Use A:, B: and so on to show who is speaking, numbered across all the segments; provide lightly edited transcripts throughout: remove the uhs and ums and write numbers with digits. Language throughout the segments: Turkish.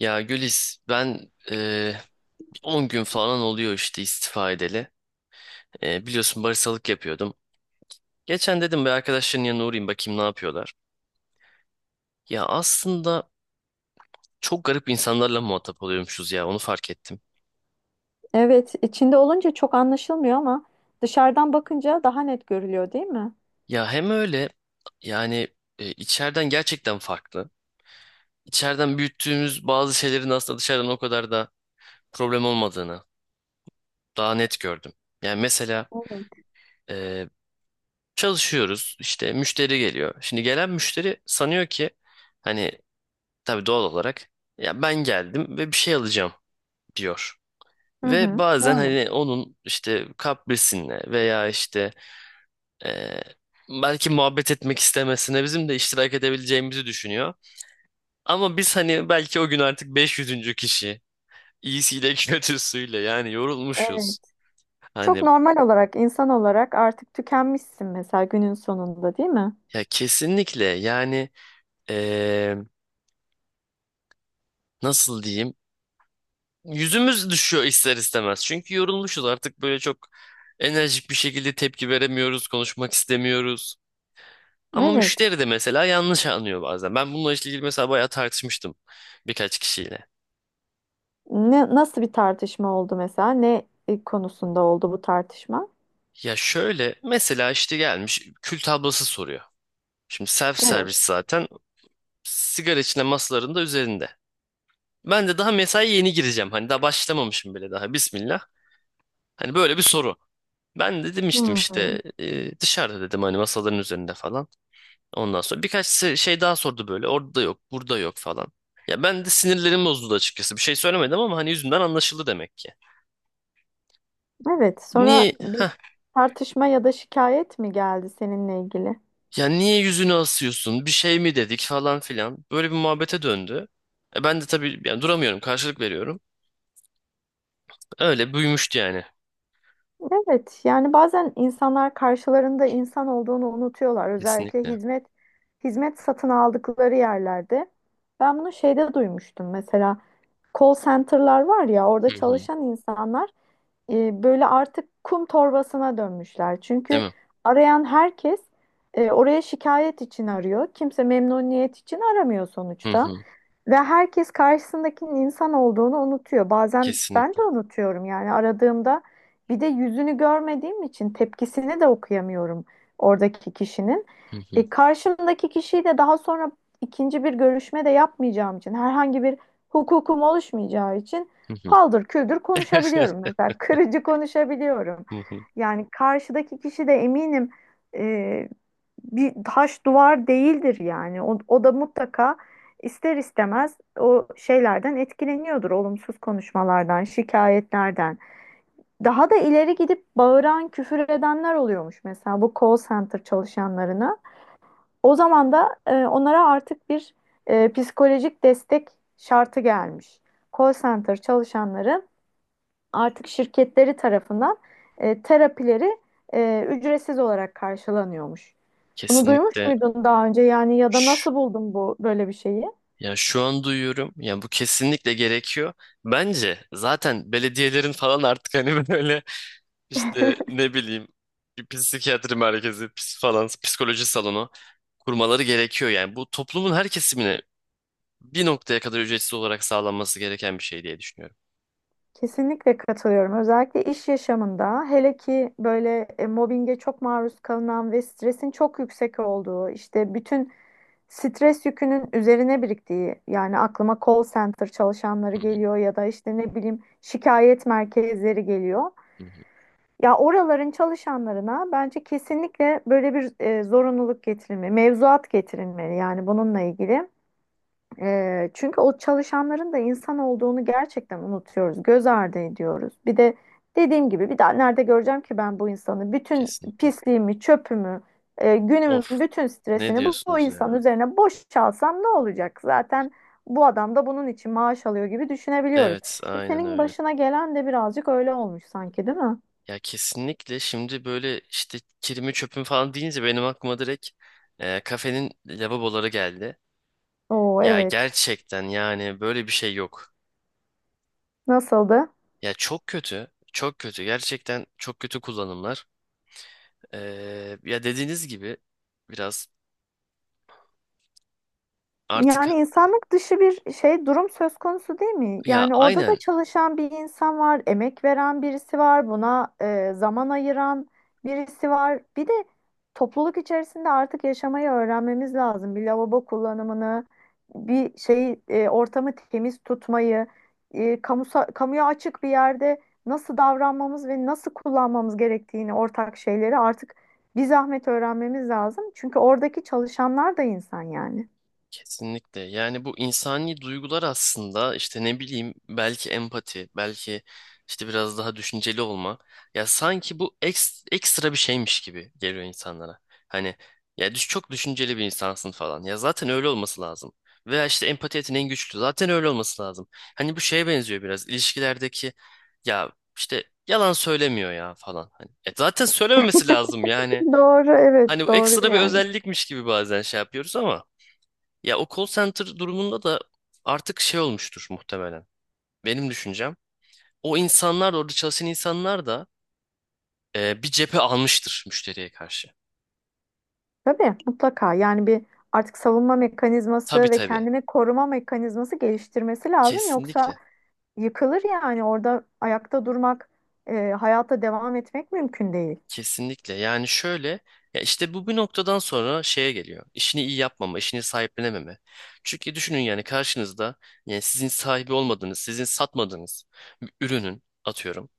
A: Ya Gülis ben 10 gün falan oluyor işte istifa edeli. Biliyorsun baristalık yapıyordum. Geçen dedim bir arkadaşların yanına uğrayayım bakayım ne yapıyorlar. Ya aslında çok garip insanlarla muhatap oluyormuşuz ya, onu fark ettim.
B: Evet, içinde olunca çok anlaşılmıyor ama dışarıdan bakınca daha net görülüyor, değil mi?
A: Ya hem öyle, yani içeriden gerçekten farklı. İçeriden büyüttüğümüz bazı şeylerin aslında dışarıdan o kadar da problem olmadığını daha net gördüm. Yani mesela
B: Evet,
A: eee, çalışıyoruz işte, müşteri geliyor. Şimdi gelen müşteri sanıyor ki, hani, tabii doğal olarak, ya ben geldim ve bir şey alacağım, diyor.
B: hı
A: Ve
B: hı,
A: bazen
B: doğru.
A: hani onun işte kaprisinle veya işte eee, belki muhabbet etmek istemesine bizim de iştirak edebileceğimizi düşünüyor. Ama biz hani belki o gün artık 500. kişi, iyisiyle kötüsüyle yani
B: Evet.
A: yorulmuşuz.
B: Çok
A: Hani,
B: normal olarak, insan olarak artık tükenmişsin mesela günün sonunda, değil mi?
A: ya kesinlikle yani, eee, nasıl diyeyim, yüzümüz düşüyor ister istemez. Çünkü yorulmuşuz artık, böyle çok enerjik bir şekilde tepki veremiyoruz, konuşmak istemiyoruz. Ama
B: Evet.
A: müşteri de mesela yanlış anlıyor bazen. Ben bununla ilgili mesela bayağı tartışmıştım birkaç kişiyle.
B: Ne, nasıl bir tartışma oldu mesela? Konusunda oldu bu tartışma?
A: Ya şöyle, mesela işte gelmiş kül tablası soruyor. Şimdi self
B: Evet.
A: servis zaten, sigara içine masaların da üzerinde. Ben de daha mesai yeni gireceğim. Hani daha başlamamışım bile daha. Bismillah. Hani böyle bir soru. Ben de demiştim
B: Hmm.
A: işte, dışarıda dedim, hani masaların üzerinde falan. Ondan sonra birkaç şey daha sordu böyle. Orada yok, burada yok falan. Ya ben de sinirlerim bozuldu açıkçası. Bir şey söylemedim ama hani yüzümden anlaşıldı demek ki.
B: Evet.
A: Niye
B: Sonra bir tartışma ya da şikayet mi geldi seninle ilgili?
A: ya, niye yüzünü asıyorsun? Bir şey mi dedik falan filan. Böyle bir muhabbete döndü. Ben de tabii yani duramıyorum, karşılık veriyorum. Öyle büyümüştü yani.
B: Evet, yani bazen insanlar karşılarında insan olduğunu unutuyorlar. Özellikle
A: Kesinlikle.
B: hizmet satın aldıkları yerlerde. Ben bunu şeyde duymuştum. Mesela call center'lar var ya, orada
A: Hı hı.
B: çalışan insanlar böyle artık kum torbasına dönmüşler. Çünkü
A: Değil mi?
B: arayan herkes oraya şikayet için arıyor. Kimse memnuniyet için aramıyor
A: Hı
B: sonuçta.
A: hı.
B: Ve herkes karşısındakinin insan olduğunu unutuyor. Bazen ben
A: Kesinlikle.
B: de unutuyorum yani aradığımda bir de yüzünü görmediğim için tepkisini de okuyamıyorum oradaki kişinin.
A: Hı hı.
B: Karşımdaki kişiyi de daha sonra ikinci bir görüşme de yapmayacağım için herhangi bir hukukum oluşmayacağı için
A: Hı hı.
B: paldır küldür konuşabiliyorum mesela. Kırıcı konuşabiliyorum.
A: Hı hı.
B: Yani karşıdaki kişi de eminim e, bir taş duvar değildir yani. O, o da mutlaka ister istemez o şeylerden etkileniyordur. Olumsuz konuşmalardan, şikayetlerden. Daha da ileri gidip bağıran, küfür edenler oluyormuş mesela bu call center çalışanlarına. O zaman da onlara artık bir psikolojik destek şartı gelmiş. Call center çalışanları artık şirketleri tarafından terapileri ücretsiz olarak karşılanıyormuş. Bunu duymuş
A: Kesinlikle.
B: muydun daha önce? Yani ya da
A: Şş.
B: nasıl buldun bu böyle bir şeyi?
A: Ya şu an duyuyorum. Ya bu kesinlikle gerekiyor. Bence zaten belediyelerin falan artık hani böyle işte, ne bileyim, bir psikiyatri merkezi, falan, psikoloji salonu kurmaları gerekiyor. Yani bu toplumun her kesimine bir noktaya kadar ücretsiz olarak sağlanması gereken bir şey diye düşünüyorum.
B: Kesinlikle katılıyorum. Özellikle iş yaşamında hele ki böyle mobbinge çok maruz kalınan ve stresin çok yüksek olduğu, işte bütün stres yükünün üzerine biriktiği, yani aklıma call center çalışanları
A: Hı
B: geliyor ya da işte ne bileyim şikayet merkezleri geliyor.
A: hı, hı hı.
B: Ya oraların çalışanlarına bence kesinlikle böyle bir zorunluluk getirilmeli, mevzuat getirilmeli yani bununla ilgili. E, çünkü o çalışanların da insan olduğunu gerçekten unutuyoruz, göz ardı ediyoruz. Bir de dediğim gibi bir daha nerede göreceğim ki ben bu insanı? Bütün
A: Kesinlikle.
B: pisliğimi, çöpümü, günümün
A: Of.
B: bütün
A: Ne
B: stresini bu
A: diyorsunuz
B: insanın
A: ya?
B: üzerine boşalsam ne olacak? Zaten bu adam da bunun için maaş alıyor gibi düşünebiliyoruz.
A: Evet,
B: E,
A: aynen
B: senin
A: öyle.
B: başına gelen de birazcık öyle olmuş sanki, değil mi?
A: Ya kesinlikle, şimdi böyle işte kirimi çöpüm falan deyince benim aklıma direkt kafenin lavaboları geldi.
B: Oo
A: Ya
B: evet.
A: gerçekten yani böyle bir şey yok.
B: Nasıldı?
A: Ya çok kötü, çok kötü. Gerçekten çok kötü kullanımlar. Ya dediğiniz gibi biraz artık,
B: Yani insanlık dışı bir şey durum söz konusu değil mi?
A: ya
B: Yani orada da
A: aynen.
B: çalışan bir insan var, emek veren birisi var, buna zaman ayıran birisi var. Bir de topluluk içerisinde artık yaşamayı öğrenmemiz lazım. Bir lavabo kullanımını, bir şeyi ortamı temiz tutmayı, kamuya açık bir yerde nasıl davranmamız ve nasıl kullanmamız gerektiğini ortak şeyleri artık bir zahmet öğrenmemiz lazım. Çünkü oradaki çalışanlar da insan yani.
A: Kesinlikle. Yani bu insani duygular aslında işte, ne bileyim, belki empati, belki işte biraz daha düşünceli olma. Ya sanki bu ekstra bir şeymiş gibi geliyor insanlara. Hani, ya çok düşünceli bir insansın falan. Ya zaten öyle olması lazım. Veya işte empati yeteneğin güçlü. Zaten öyle olması lazım. Hani bu şeye benziyor, biraz ilişkilerdeki, ya işte yalan söylemiyor ya falan. Hani, zaten söylememesi lazım yani.
B: Doğru,
A: Hani
B: evet
A: bu
B: doğru
A: ekstra bir
B: yani.
A: özellikmiş gibi bazen şey yapıyoruz ama. Ya o call center durumunda da artık şey olmuştur muhtemelen. Benim düşüncem. O insanlar da orada çalışan insanlar da bir cephe almıştır müşteriye karşı.
B: Tabii mutlaka yani bir artık savunma
A: Tabii,
B: mekanizması ve
A: tabii.
B: kendini koruma mekanizması geliştirmesi lazım. Yoksa
A: Kesinlikle.
B: yıkılır yani orada ayakta durmak, hayata devam etmek mümkün değil.
A: Kesinlikle. Yani şöyle, ya işte bu bir noktadan sonra şeye geliyor. İşini iyi yapmama, işini sahiplenememe. Çünkü düşünün, yani karşınızda, yani sizin sahibi olmadığınız, sizin satmadığınız bir ürünün, atıyorum,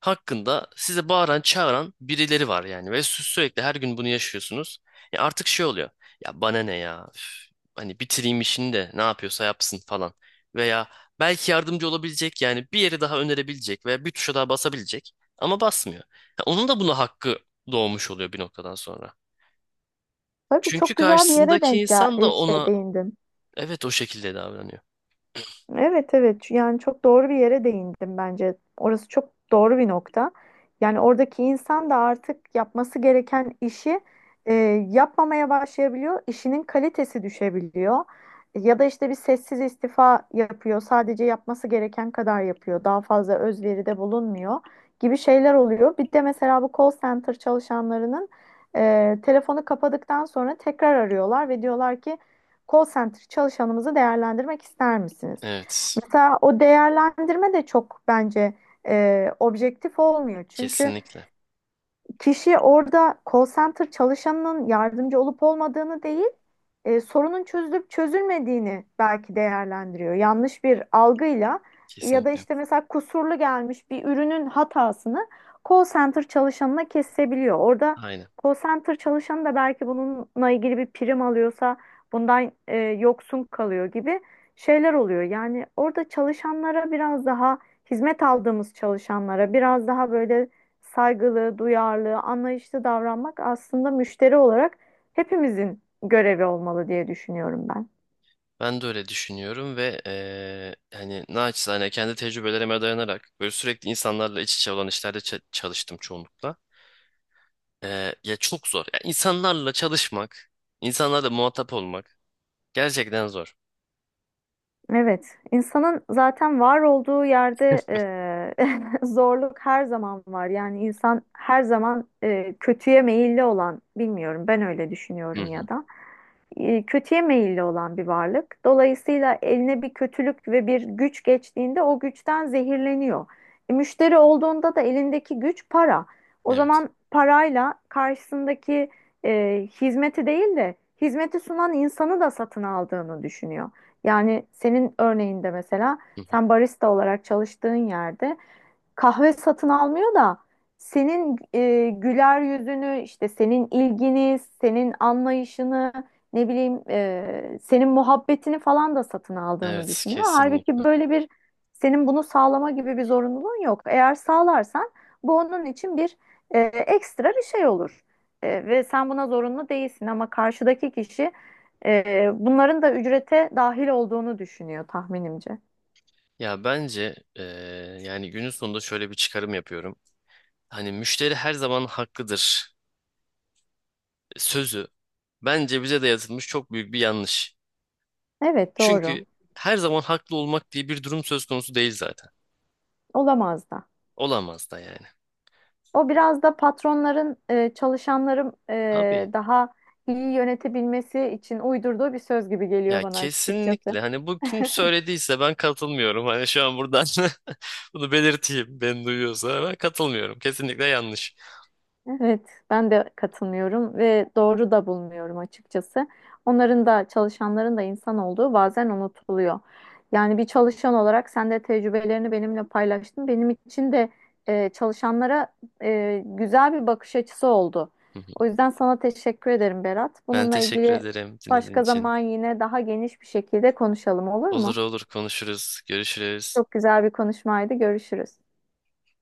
A: hakkında size bağıran çağıran birileri var yani, ve sürekli her gün bunu yaşıyorsunuz. Ya artık şey oluyor, ya bana ne, ya üf, hani bitireyim işini de ne yapıyorsa yapsın falan, veya belki yardımcı olabilecek, yani bir yeri daha önerebilecek veya bir tuşa daha basabilecek ama basmıyor. Ya onun da buna hakkı doğmuş oluyor bir noktadan sonra.
B: Tabii
A: Çünkü
B: çok güzel bir yere
A: karşısındaki insan da
B: şey
A: ona,
B: değindin.
A: evet, o şekilde davranıyor.
B: Evet evet yani çok doğru bir yere değindim bence. Orası çok doğru bir nokta. Yani oradaki insan da artık yapması gereken işi e, yapmamaya başlayabiliyor. İşinin kalitesi düşebiliyor. Ya da işte bir sessiz istifa yapıyor. Sadece yapması gereken kadar yapıyor. Daha fazla özveride bulunmuyor gibi şeyler oluyor. Bir de mesela bu call center çalışanlarının telefonu kapadıktan sonra tekrar arıyorlar ve diyorlar ki call center çalışanımızı değerlendirmek ister misiniz?
A: Evet,
B: Mesela o değerlendirme de çok bence objektif olmuyor. Çünkü
A: kesinlikle,
B: kişi orada call center çalışanının yardımcı olup olmadığını değil, sorunun çözülüp çözülmediğini belki değerlendiriyor. Yanlış bir algıyla ya da
A: kesinlikle,
B: işte mesela kusurlu gelmiş bir ürünün hatasını call center çalışanına kesebiliyor. Orada
A: aynen.
B: call center çalışanı da belki bununla ilgili bir prim alıyorsa bundan yoksun kalıyor gibi şeyler oluyor. Yani orada çalışanlara biraz daha hizmet aldığımız çalışanlara biraz daha böyle saygılı, duyarlı, anlayışlı davranmak aslında müşteri olarak hepimizin görevi olmalı diye düşünüyorum ben.
A: Ben de öyle düşünüyorum ve hani naçizane kendi tecrübelerime dayanarak böyle sürekli insanlarla iç içe olan işlerde çalıştım çoğunlukla. Ya çok zor. Ya insanlarla çalışmak, insanlarla muhatap olmak gerçekten zor.
B: Evet, insanın zaten var olduğu yerde zorluk her zaman var. Yani insan her zaman kötüye meyilli olan, bilmiyorum ben öyle
A: Hı
B: düşünüyorum
A: hı.
B: ya da. Kötüye meyilli olan bir varlık. Dolayısıyla eline bir kötülük ve bir güç geçtiğinde o güçten zehirleniyor. E, müşteri olduğunda da elindeki güç para. O
A: Evet.
B: zaman parayla karşısındaki hizmeti değil de hizmeti sunan insanı da satın aldığını düşünüyor. Yani senin örneğinde mesela
A: Hı hı.
B: sen barista olarak çalıştığın yerde kahve satın almıyor da senin güler yüzünü işte senin ilgini, senin anlayışını ne bileyim senin muhabbetini falan da satın aldığını
A: Evet,
B: düşünüyor. Halbuki
A: kesinlikle.
B: böyle bir senin bunu sağlama gibi bir zorunluluğun yok. Eğer sağlarsan bu onun için bir ekstra bir şey olur. E, ve sen buna zorunlu değilsin ama karşıdaki kişi bunların da ücrete dahil olduğunu düşünüyor tahminimce.
A: Ya bence yani günün sonunda şöyle bir çıkarım yapıyorum. Hani müşteri her zaman haklıdır sözü bence bize dayatılmış çok büyük bir yanlış.
B: Evet doğru.
A: Çünkü her zaman haklı olmak diye bir durum söz konusu değil zaten.
B: Olamaz da.
A: Olamaz da yani.
B: O biraz da patronların çalışanların
A: Abi,
B: daha iyi yönetebilmesi için uydurduğu bir söz gibi geliyor
A: ya
B: bana açıkçası.
A: kesinlikle, hani bu kim söylediyse ben katılmıyorum. Hani şu an buradan bunu belirteyim. Ben duyuyorsa ben katılmıyorum. Kesinlikle yanlış.
B: Evet, ben de katılmıyorum ve doğru da bulmuyorum açıkçası. Onların da çalışanların da insan olduğu bazen unutuluyor. Yani bir çalışan olarak sen de tecrübelerini benimle paylaştın. Benim için de çalışanlara güzel bir bakış açısı oldu.
A: Hı hı.
B: O yüzden sana teşekkür ederim Berat.
A: Ben
B: Bununla
A: teşekkür
B: ilgili
A: ederim dinlediğin
B: başka
A: için.
B: zaman yine daha geniş bir şekilde konuşalım olur
A: Olur
B: mu?
A: olur, konuşuruz, görüşürüz.
B: Çok güzel bir konuşmaydı. Görüşürüz.